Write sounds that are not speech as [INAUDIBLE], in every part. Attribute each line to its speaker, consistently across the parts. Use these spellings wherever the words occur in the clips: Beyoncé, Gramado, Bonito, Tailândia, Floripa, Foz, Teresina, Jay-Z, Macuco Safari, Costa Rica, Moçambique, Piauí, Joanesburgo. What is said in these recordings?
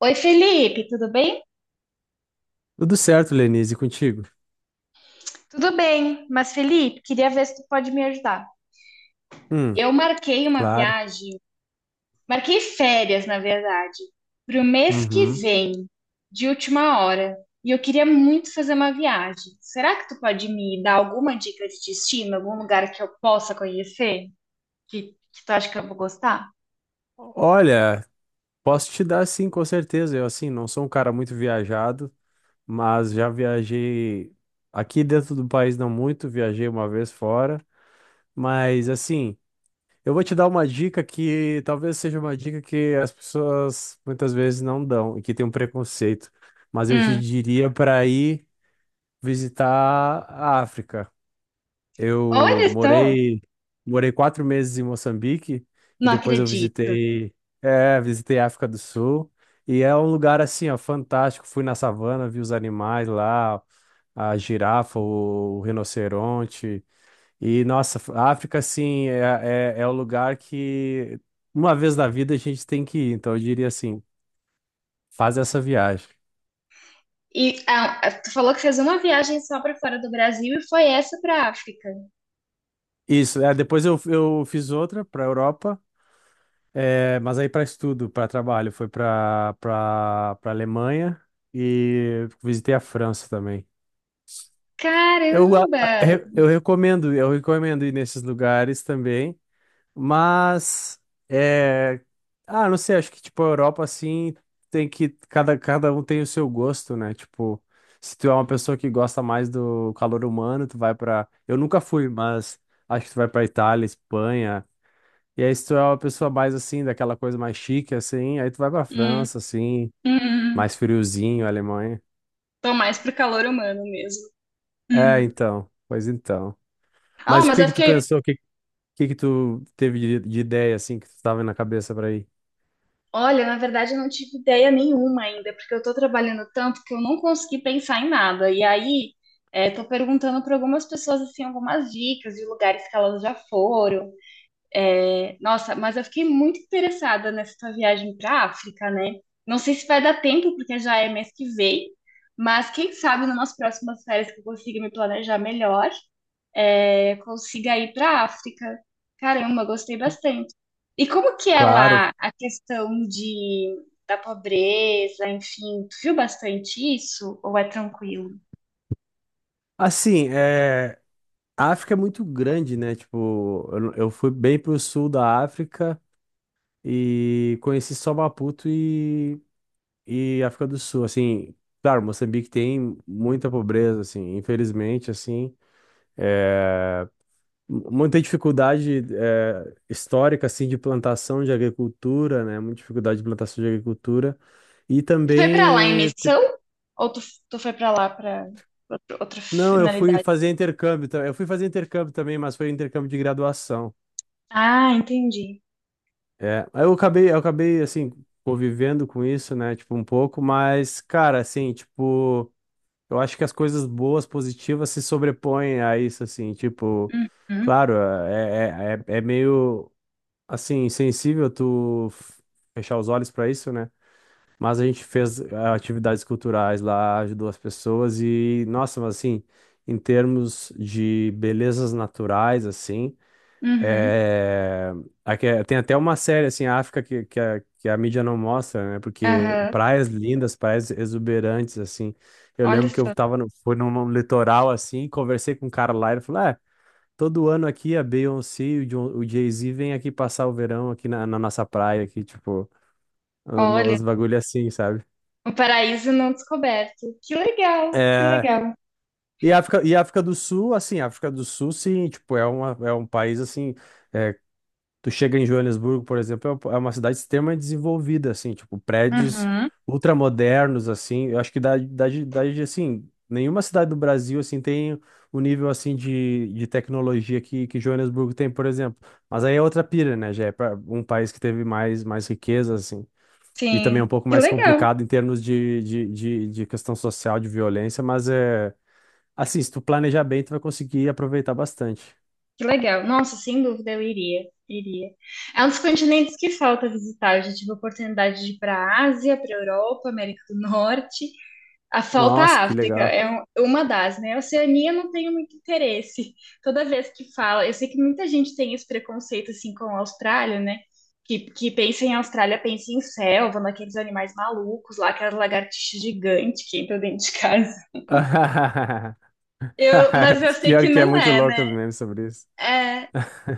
Speaker 1: Oi, Felipe, tudo bem?
Speaker 2: Tudo certo, Lenise, e contigo?
Speaker 1: Tudo bem, mas Felipe, queria ver se tu pode me ajudar.
Speaker 2: Hum.
Speaker 1: Eu marquei uma
Speaker 2: Claro.
Speaker 1: viagem, marquei férias, na verdade, para o mês que
Speaker 2: Uhum.
Speaker 1: vem, de última hora, e eu queria muito fazer uma viagem. Será que tu pode me dar alguma dica de destino, algum lugar que eu possa conhecer? Que tu acha que eu vou gostar?
Speaker 2: Olha, posso te dar sim, com certeza. Eu, assim, não sou um cara muito viajado, mas já viajei aqui dentro do país, não muito, viajei uma vez fora. Mas, assim, eu vou te dar uma dica que talvez seja uma dica que as pessoas muitas vezes não dão e que tem um preconceito. Mas eu te
Speaker 1: Hum,
Speaker 2: diria para ir visitar a África. Eu
Speaker 1: olha só,
Speaker 2: morei, morei 4 meses em Moçambique e
Speaker 1: não
Speaker 2: depois eu
Speaker 1: acredito.
Speaker 2: visitei a África do Sul. E é um lugar assim, ó, fantástico. Fui na savana, vi os animais lá, a girafa, o rinoceronte. E nossa, a África assim é o lugar que uma vez na vida a gente tem que ir. Então eu diria assim, faz essa viagem.
Speaker 1: E tu falou que fez uma viagem só para fora do Brasil e foi essa para África.
Speaker 2: Isso, é, depois eu fiz outra para Europa. É, mas aí para estudo, para trabalho, foi para Alemanha e visitei a França também. Eu, a-
Speaker 1: Caramba!
Speaker 2: re- eu recomendo ir nesses lugares também, mas é, não sei, acho que tipo a Europa assim tem que cada um tem o seu gosto, né? Tipo, se tu é uma pessoa que gosta mais do calor humano, tu vai para, eu nunca fui, mas acho que tu vai para Itália, Espanha, e aí, se tu é uma pessoa mais assim, daquela coisa mais chique, assim, aí tu vai pra
Speaker 1: Hum,
Speaker 2: França, assim,
Speaker 1: hum.
Speaker 2: mais friozinho, Alemanha.
Speaker 1: Tô mais pro calor humano mesmo.
Speaker 2: É,
Speaker 1: Hum.
Speaker 2: então, pois então.
Speaker 1: Ah,
Speaker 2: Mas o
Speaker 1: mas
Speaker 2: que
Speaker 1: eu
Speaker 2: que tu
Speaker 1: fiquei.
Speaker 2: pensou, que tu teve de ideia, assim, que tu tava na cabeça pra ir?
Speaker 1: Olha, na verdade eu não tive ideia nenhuma ainda, porque eu tô trabalhando tanto que eu não consegui pensar em nada. E aí, é, tô perguntando para algumas pessoas, assim, algumas dicas de lugares que elas já foram. É, nossa, mas eu fiquei muito interessada nessa tua viagem pra África, né? Não sei se vai dar tempo, porque já é mês que vem, mas quem sabe numas próximas férias que eu consiga me planejar melhor. É, consiga ir para a África. Caramba, gostei bastante. E como que é lá
Speaker 2: Claro.
Speaker 1: a questão de, da pobreza, enfim, tu viu bastante isso ou é tranquilo?
Speaker 2: Assim, a África é muito grande, né? Tipo, eu, não- eu fui bem pro sul da África e conheci só Maputo e África do Sul, assim. Claro, Moçambique tem muita pobreza, assim, infelizmente, assim. Muita dificuldade histórica assim de plantação de agricultura, né? Muita dificuldade de plantação de agricultura. E
Speaker 1: Tu foi para lá em
Speaker 2: também,
Speaker 1: missão ou tu, tu foi para lá para outra
Speaker 2: não, eu fui
Speaker 1: finalidade?
Speaker 2: fazer intercâmbio, eu fui fazer intercâmbio também, mas foi intercâmbio de graduação.
Speaker 1: Ah, entendi.
Speaker 2: É, aí eu acabei assim convivendo com isso, né, tipo um pouco, mas cara, assim, tipo, eu acho que as coisas boas, positivas se sobrepõem a isso assim, tipo,
Speaker 1: Uhum,
Speaker 2: claro, é meio assim, sensível tu fechar os olhos pra isso, né? Mas a gente fez atividades culturais lá, ajudou as pessoas e, nossa, mas assim, em termos de belezas naturais, assim,
Speaker 1: uhum,
Speaker 2: é... aqui tem até uma série, assim, África, que a mídia não mostra, né? Porque
Speaker 1: aham.
Speaker 2: praias lindas, praias exuberantes, assim. Eu
Speaker 1: Olha
Speaker 2: lembro que eu
Speaker 1: só,
Speaker 2: tava no, fui num litoral, assim, conversei com um cara lá, ele falou, "Ah, todo ano aqui a Beyoncé e o o Jay-Z vêm aqui passar o verão aqui na nossa praia, aqui, tipo,
Speaker 1: olha,
Speaker 2: os bagulho assim, sabe?"
Speaker 1: um paraíso não descoberto. Que legal, que
Speaker 2: É,
Speaker 1: legal.
Speaker 2: e África do Sul, assim, África do Sul, sim, tipo, é um país, assim, é, tu chega em Joanesburgo, por exemplo, é uma cidade extremamente desenvolvida, assim, tipo, prédios
Speaker 1: Uhum,
Speaker 2: ultramodernos, assim, eu acho que assim, nenhuma cidade do Brasil, assim, tem o nível, assim, de tecnologia que Joanesburgo tem, por exemplo, mas aí é outra pira, né, já é pra um país que teve mais, mais riqueza, assim, e também é um
Speaker 1: sim,
Speaker 2: pouco
Speaker 1: que
Speaker 2: mais
Speaker 1: legal.
Speaker 2: complicado em termos de questão social, de violência, mas é, assim, se tu planejar bem, tu vai conseguir aproveitar bastante.
Speaker 1: Que legal. Nossa, sem dúvida eu iria. Iria. É um dos continentes que falta visitar. Eu já tive a oportunidade de ir para a Ásia, para a Europa, América do Norte. A falta
Speaker 2: Nossa,
Speaker 1: a
Speaker 2: que
Speaker 1: África
Speaker 2: legal.
Speaker 1: é um- uma das, né? A Oceania eu não tenho muito interesse. Toda vez que fala, eu sei que muita gente tem esse preconceito assim com a Austrália, né? Que pensa em Austrália, pensa em selva, naqueles animais malucos lá, aquelas lagartixas gigantes que entram dentro de casa.
Speaker 2: [LAUGHS]
Speaker 1: Eu, mas eu sei que
Speaker 2: Pior que é
Speaker 1: não
Speaker 2: muito
Speaker 1: é.
Speaker 2: louco os memes sobre isso.
Speaker 1: É,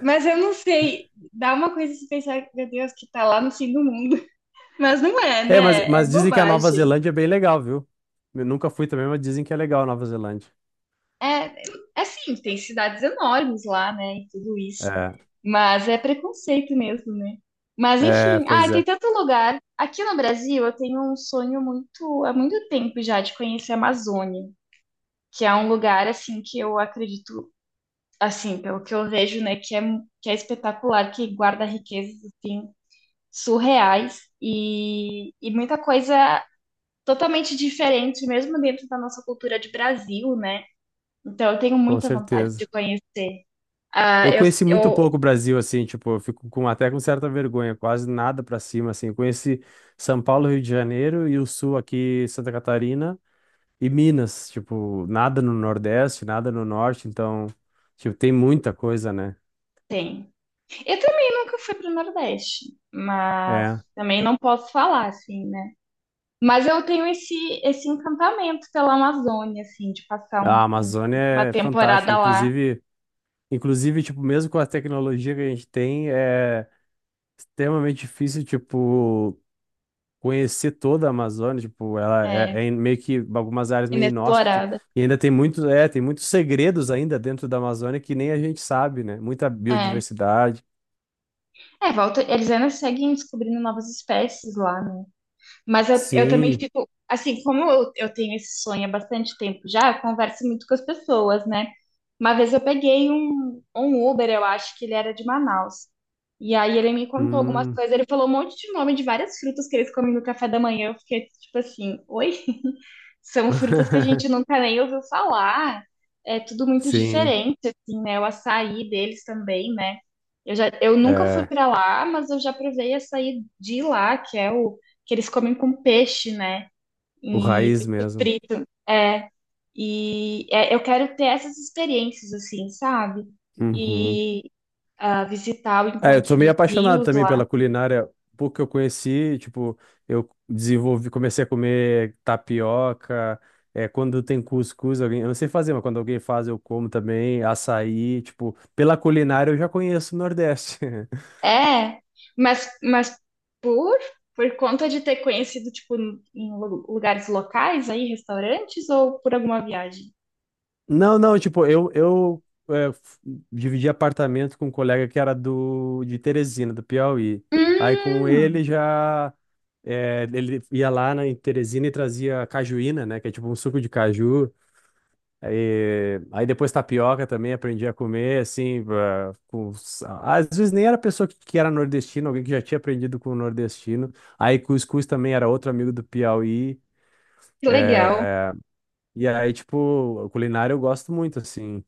Speaker 1: mas eu não sei, dá uma coisa de pensar, meu Deus, que tá lá no fim do mundo. [LAUGHS] Mas não é,
Speaker 2: É, mas,
Speaker 1: né? É
Speaker 2: mas dizem que a Nova
Speaker 1: bobagem.
Speaker 2: Zelândia é bem legal, viu? Eu nunca fui também, mas dizem que é legal a Nova Zelândia.
Speaker 1: É, é sim, tem cidades enormes lá, né? E tudo isso.
Speaker 2: É,
Speaker 1: Mas é preconceito mesmo, né? Mas
Speaker 2: é,
Speaker 1: enfim,
Speaker 2: pois
Speaker 1: tem
Speaker 2: é,
Speaker 1: tanto lugar. Aqui no Brasil, eu tenho um sonho muito, há muito tempo já de conhecer a Amazônia, que é um lugar assim que eu acredito, assim, pelo que eu vejo, né, que é espetacular, que guarda riquezas assim surreais e muita coisa totalmente diferente, mesmo dentro da nossa cultura de Brasil, né? Então eu tenho
Speaker 2: com
Speaker 1: muita vontade de
Speaker 2: certeza.
Speaker 1: conhecer. Ah,
Speaker 2: Eu
Speaker 1: eu,
Speaker 2: conheci muito
Speaker 1: eu
Speaker 2: pouco o Brasil, assim, tipo, eu fico com, até com certa vergonha, quase nada pra cima, assim. Eu conheci São Paulo, Rio de Janeiro e o Sul aqui, Santa Catarina e Minas, tipo, nada no Nordeste, nada no Norte, então, tipo, tem muita coisa, né?
Speaker 1: tenho. Eu também nunca fui para o Nordeste, mas
Speaker 2: É.
Speaker 1: também não posso falar, assim, né? Mas eu tenho esse encantamento pela Amazônia, assim, de passar
Speaker 2: A
Speaker 1: um-
Speaker 2: Amazônia
Speaker 1: um- uma
Speaker 2: é fantástica,
Speaker 1: temporada lá,
Speaker 2: inclusive, tipo, mesmo com a tecnologia que a gente tem, é extremamente difícil, tipo, conhecer toda a Amazônia, tipo, ela
Speaker 1: é,
Speaker 2: é meio que algumas áreas meio inóspito
Speaker 1: inexplorada.
Speaker 2: e ainda tem tem muitos segredos ainda dentro da Amazônia que nem a gente sabe, né? Muita
Speaker 1: É,
Speaker 2: biodiversidade.
Speaker 1: é volta, eles ainda seguem descobrindo novas espécies lá, né? Mas eu também
Speaker 2: Sim.
Speaker 1: fico, assim, como eu tenho esse sonho há bastante tempo já, eu converso muito com as pessoas, né? Uma vez eu peguei um Uber, eu acho que ele era de Manaus. E aí ele me contou algumas
Speaker 2: Hum.
Speaker 1: coisas, ele falou um monte de nome de várias frutas que eles comem no café da manhã. Eu fiquei tipo assim, oi? São frutas que a
Speaker 2: [LAUGHS]
Speaker 1: gente nunca nem ouviu falar. É tudo muito
Speaker 2: Sim,
Speaker 1: diferente, assim, né? O açaí deles também, né? Eu nunca fui
Speaker 2: é,
Speaker 1: pra lá, mas eu já provei açaí de lá, que é o que eles comem com peixe, né?
Speaker 2: o
Speaker 1: E
Speaker 2: raiz
Speaker 1: peixe
Speaker 2: mesmo.
Speaker 1: frito. É, e é, eu quero ter essas experiências, assim, sabe?
Speaker 2: Uhum.
Speaker 1: E visitar o
Speaker 2: É, eu sou
Speaker 1: encontro
Speaker 2: meio
Speaker 1: dos
Speaker 2: apaixonado
Speaker 1: rios
Speaker 2: também
Speaker 1: lá.
Speaker 2: pela culinária. Pouco que eu conheci, tipo, comecei a comer tapioca. É, quando tem cuscuz, alguém, eu não sei fazer, mas quando alguém faz, eu como também. Açaí, tipo, pela culinária eu já conheço o Nordeste. [LAUGHS]
Speaker 1: É, mas por, por conta de ter conhecido, tipo, em lu- lugares locais aí, restaurantes, ou por alguma viagem?
Speaker 2: Não, não, tipo, eu é, f- dividi apartamento com um colega que era de Teresina, do Piauí. Aí com
Speaker 1: Hum,
Speaker 2: ele já. É, ele ia lá em Teresina e trazia cajuína, né? Que é tipo um suco de caju. E, aí depois tapioca também aprendi a comer, assim, às vezes nem era a pessoa que era nordestina, alguém que já tinha aprendido com o nordestino. Aí cuscuz também era outro amigo do Piauí.
Speaker 1: que legal.
Speaker 2: E aí, tipo, culinária eu gosto muito, assim.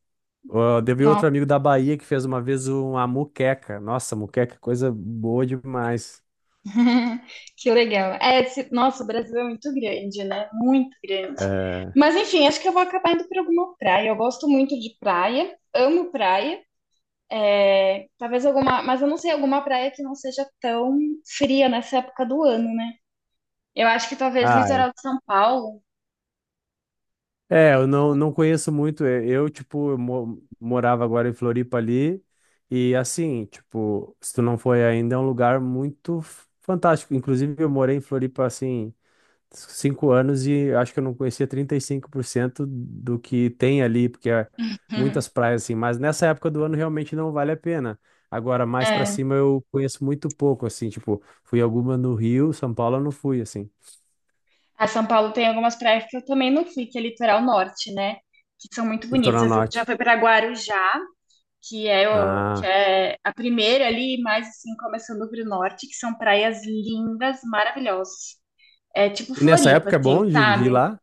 Speaker 2: Ó, teve outro
Speaker 1: Nossa,
Speaker 2: amigo da Bahia que fez uma vez uma muqueca. Nossa, muqueca, é coisa boa demais.
Speaker 1: [LAUGHS] que legal. É, esse- nossa, o Brasil é muito grande, né? Muito grande.
Speaker 2: É.
Speaker 1: Mas enfim, acho que eu vou acabar indo para alguma praia. Eu gosto muito de praia, amo praia. É, talvez alguma, mas eu não sei, alguma praia que não seja tão fria nessa época do ano, né? Eu acho que talvez
Speaker 2: Ah,
Speaker 1: litoral de São Paulo.
Speaker 2: é, eu não, não conheço muito. É, eu, tipo, eu morava agora em Floripa ali. E assim, tipo, se tu não foi ainda, é um lugar muito fantástico. Inclusive, eu morei em Floripa, assim, 5 anos e acho que eu não conhecia 35% do que tem ali, porque é muitas praias, assim. Mas nessa época do ano realmente não vale a pena. Agora, mais pra
Speaker 1: [LAUGHS]
Speaker 2: cima, eu conheço muito pouco, assim, tipo, fui alguma no Rio, São Paulo eu não fui, assim,
Speaker 1: Ah, São Paulo tem algumas praias que eu também não fui, que é litoral norte, né? Que são muito bonitas.
Speaker 2: litoral
Speaker 1: Eu fui-
Speaker 2: norte.
Speaker 1: já fui para Guarujá, que é, o, que
Speaker 2: Ah.
Speaker 1: é a primeira ali, mais assim, começando para o norte, que são praias lindas, maravilhosas. É tipo
Speaker 2: E nessa
Speaker 1: Floripa,
Speaker 2: época é
Speaker 1: assim,
Speaker 2: bom de ir
Speaker 1: sabe?
Speaker 2: lá?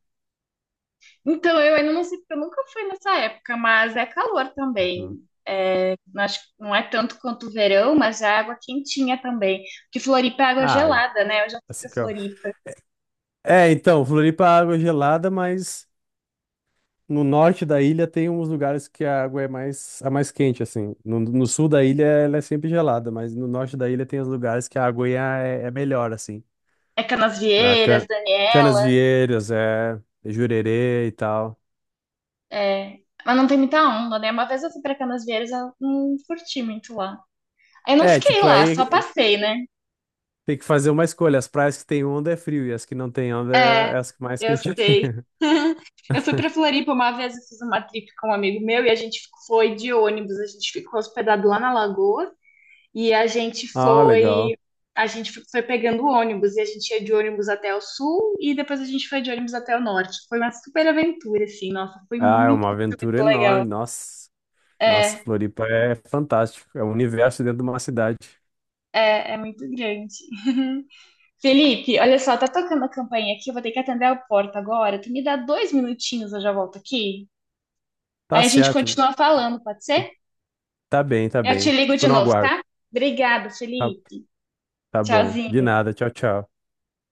Speaker 1: Então, eu ainda não sei, porque eu nunca fui nessa época, mas é calor
Speaker 2: Hum.
Speaker 1: também. É, não acho, não é tanto quanto o verão, mas é água quentinha também. Porque Floripa é água
Speaker 2: Ai,
Speaker 1: gelada, né? Eu já fui
Speaker 2: assim
Speaker 1: pra
Speaker 2: que eu-
Speaker 1: Floripa.
Speaker 2: É, então, Floripa, a água é gelada, mas no norte da ilha tem uns lugares que a água é mais, a mais quente, assim. No sul da ilha ela é sempre gelada, mas no norte da ilha tem os lugares que a água é melhor, assim.
Speaker 1: É
Speaker 2: A
Speaker 1: Canasvieiras,
Speaker 2: can,
Speaker 1: Daniel.
Speaker 2: Canas é Jurerê e tal.
Speaker 1: É, mas não tem muita onda, né? Uma vez eu fui pra Canasvieiras, eu não curti muito lá. Aí eu não
Speaker 2: É,
Speaker 1: fiquei
Speaker 2: tipo,
Speaker 1: lá, só
Speaker 2: aí
Speaker 1: passei, né?
Speaker 2: tem que fazer uma escolha. As praias que tem onda é frio e as que não tem onda
Speaker 1: É,
Speaker 2: é as que mais
Speaker 1: eu
Speaker 2: quente.
Speaker 1: sei. Eu fui pra
Speaker 2: [LAUGHS]
Speaker 1: Floripa uma vez, eu fiz uma trip com um amigo meu e a gente foi de ônibus, a gente ficou hospedado lá na Lagoa e
Speaker 2: Ah, legal.
Speaker 1: a gente foi pegando ônibus e a gente ia de ônibus até o sul e depois a gente foi de ônibus até o norte. Foi uma super aventura assim, nossa, foi
Speaker 2: Ah, é
Speaker 1: muito,
Speaker 2: uma
Speaker 1: muito
Speaker 2: aventura
Speaker 1: muito
Speaker 2: enorme,
Speaker 1: legal.
Speaker 2: nossa. Nossa,
Speaker 1: É,
Speaker 2: Floripa é fantástico. É um universo dentro de uma cidade.
Speaker 1: é muito grande. [LAUGHS] Felipe, olha só, tá tocando a campainha aqui, eu vou ter que atender a porta agora. Tu me dá 2 minutinhos, eu já volto aqui.
Speaker 2: Tá
Speaker 1: Aí a gente
Speaker 2: certo.
Speaker 1: continua falando, pode ser?
Speaker 2: Tá bem, tá
Speaker 1: Eu te
Speaker 2: bem.
Speaker 1: ligo de
Speaker 2: Fico no
Speaker 1: novo,
Speaker 2: aguardo.
Speaker 1: tá? Obrigada,
Speaker 2: Tá,
Speaker 1: Felipe.
Speaker 2: tá bom. De
Speaker 1: Tchauzinho.
Speaker 2: nada. Tchau, tchau.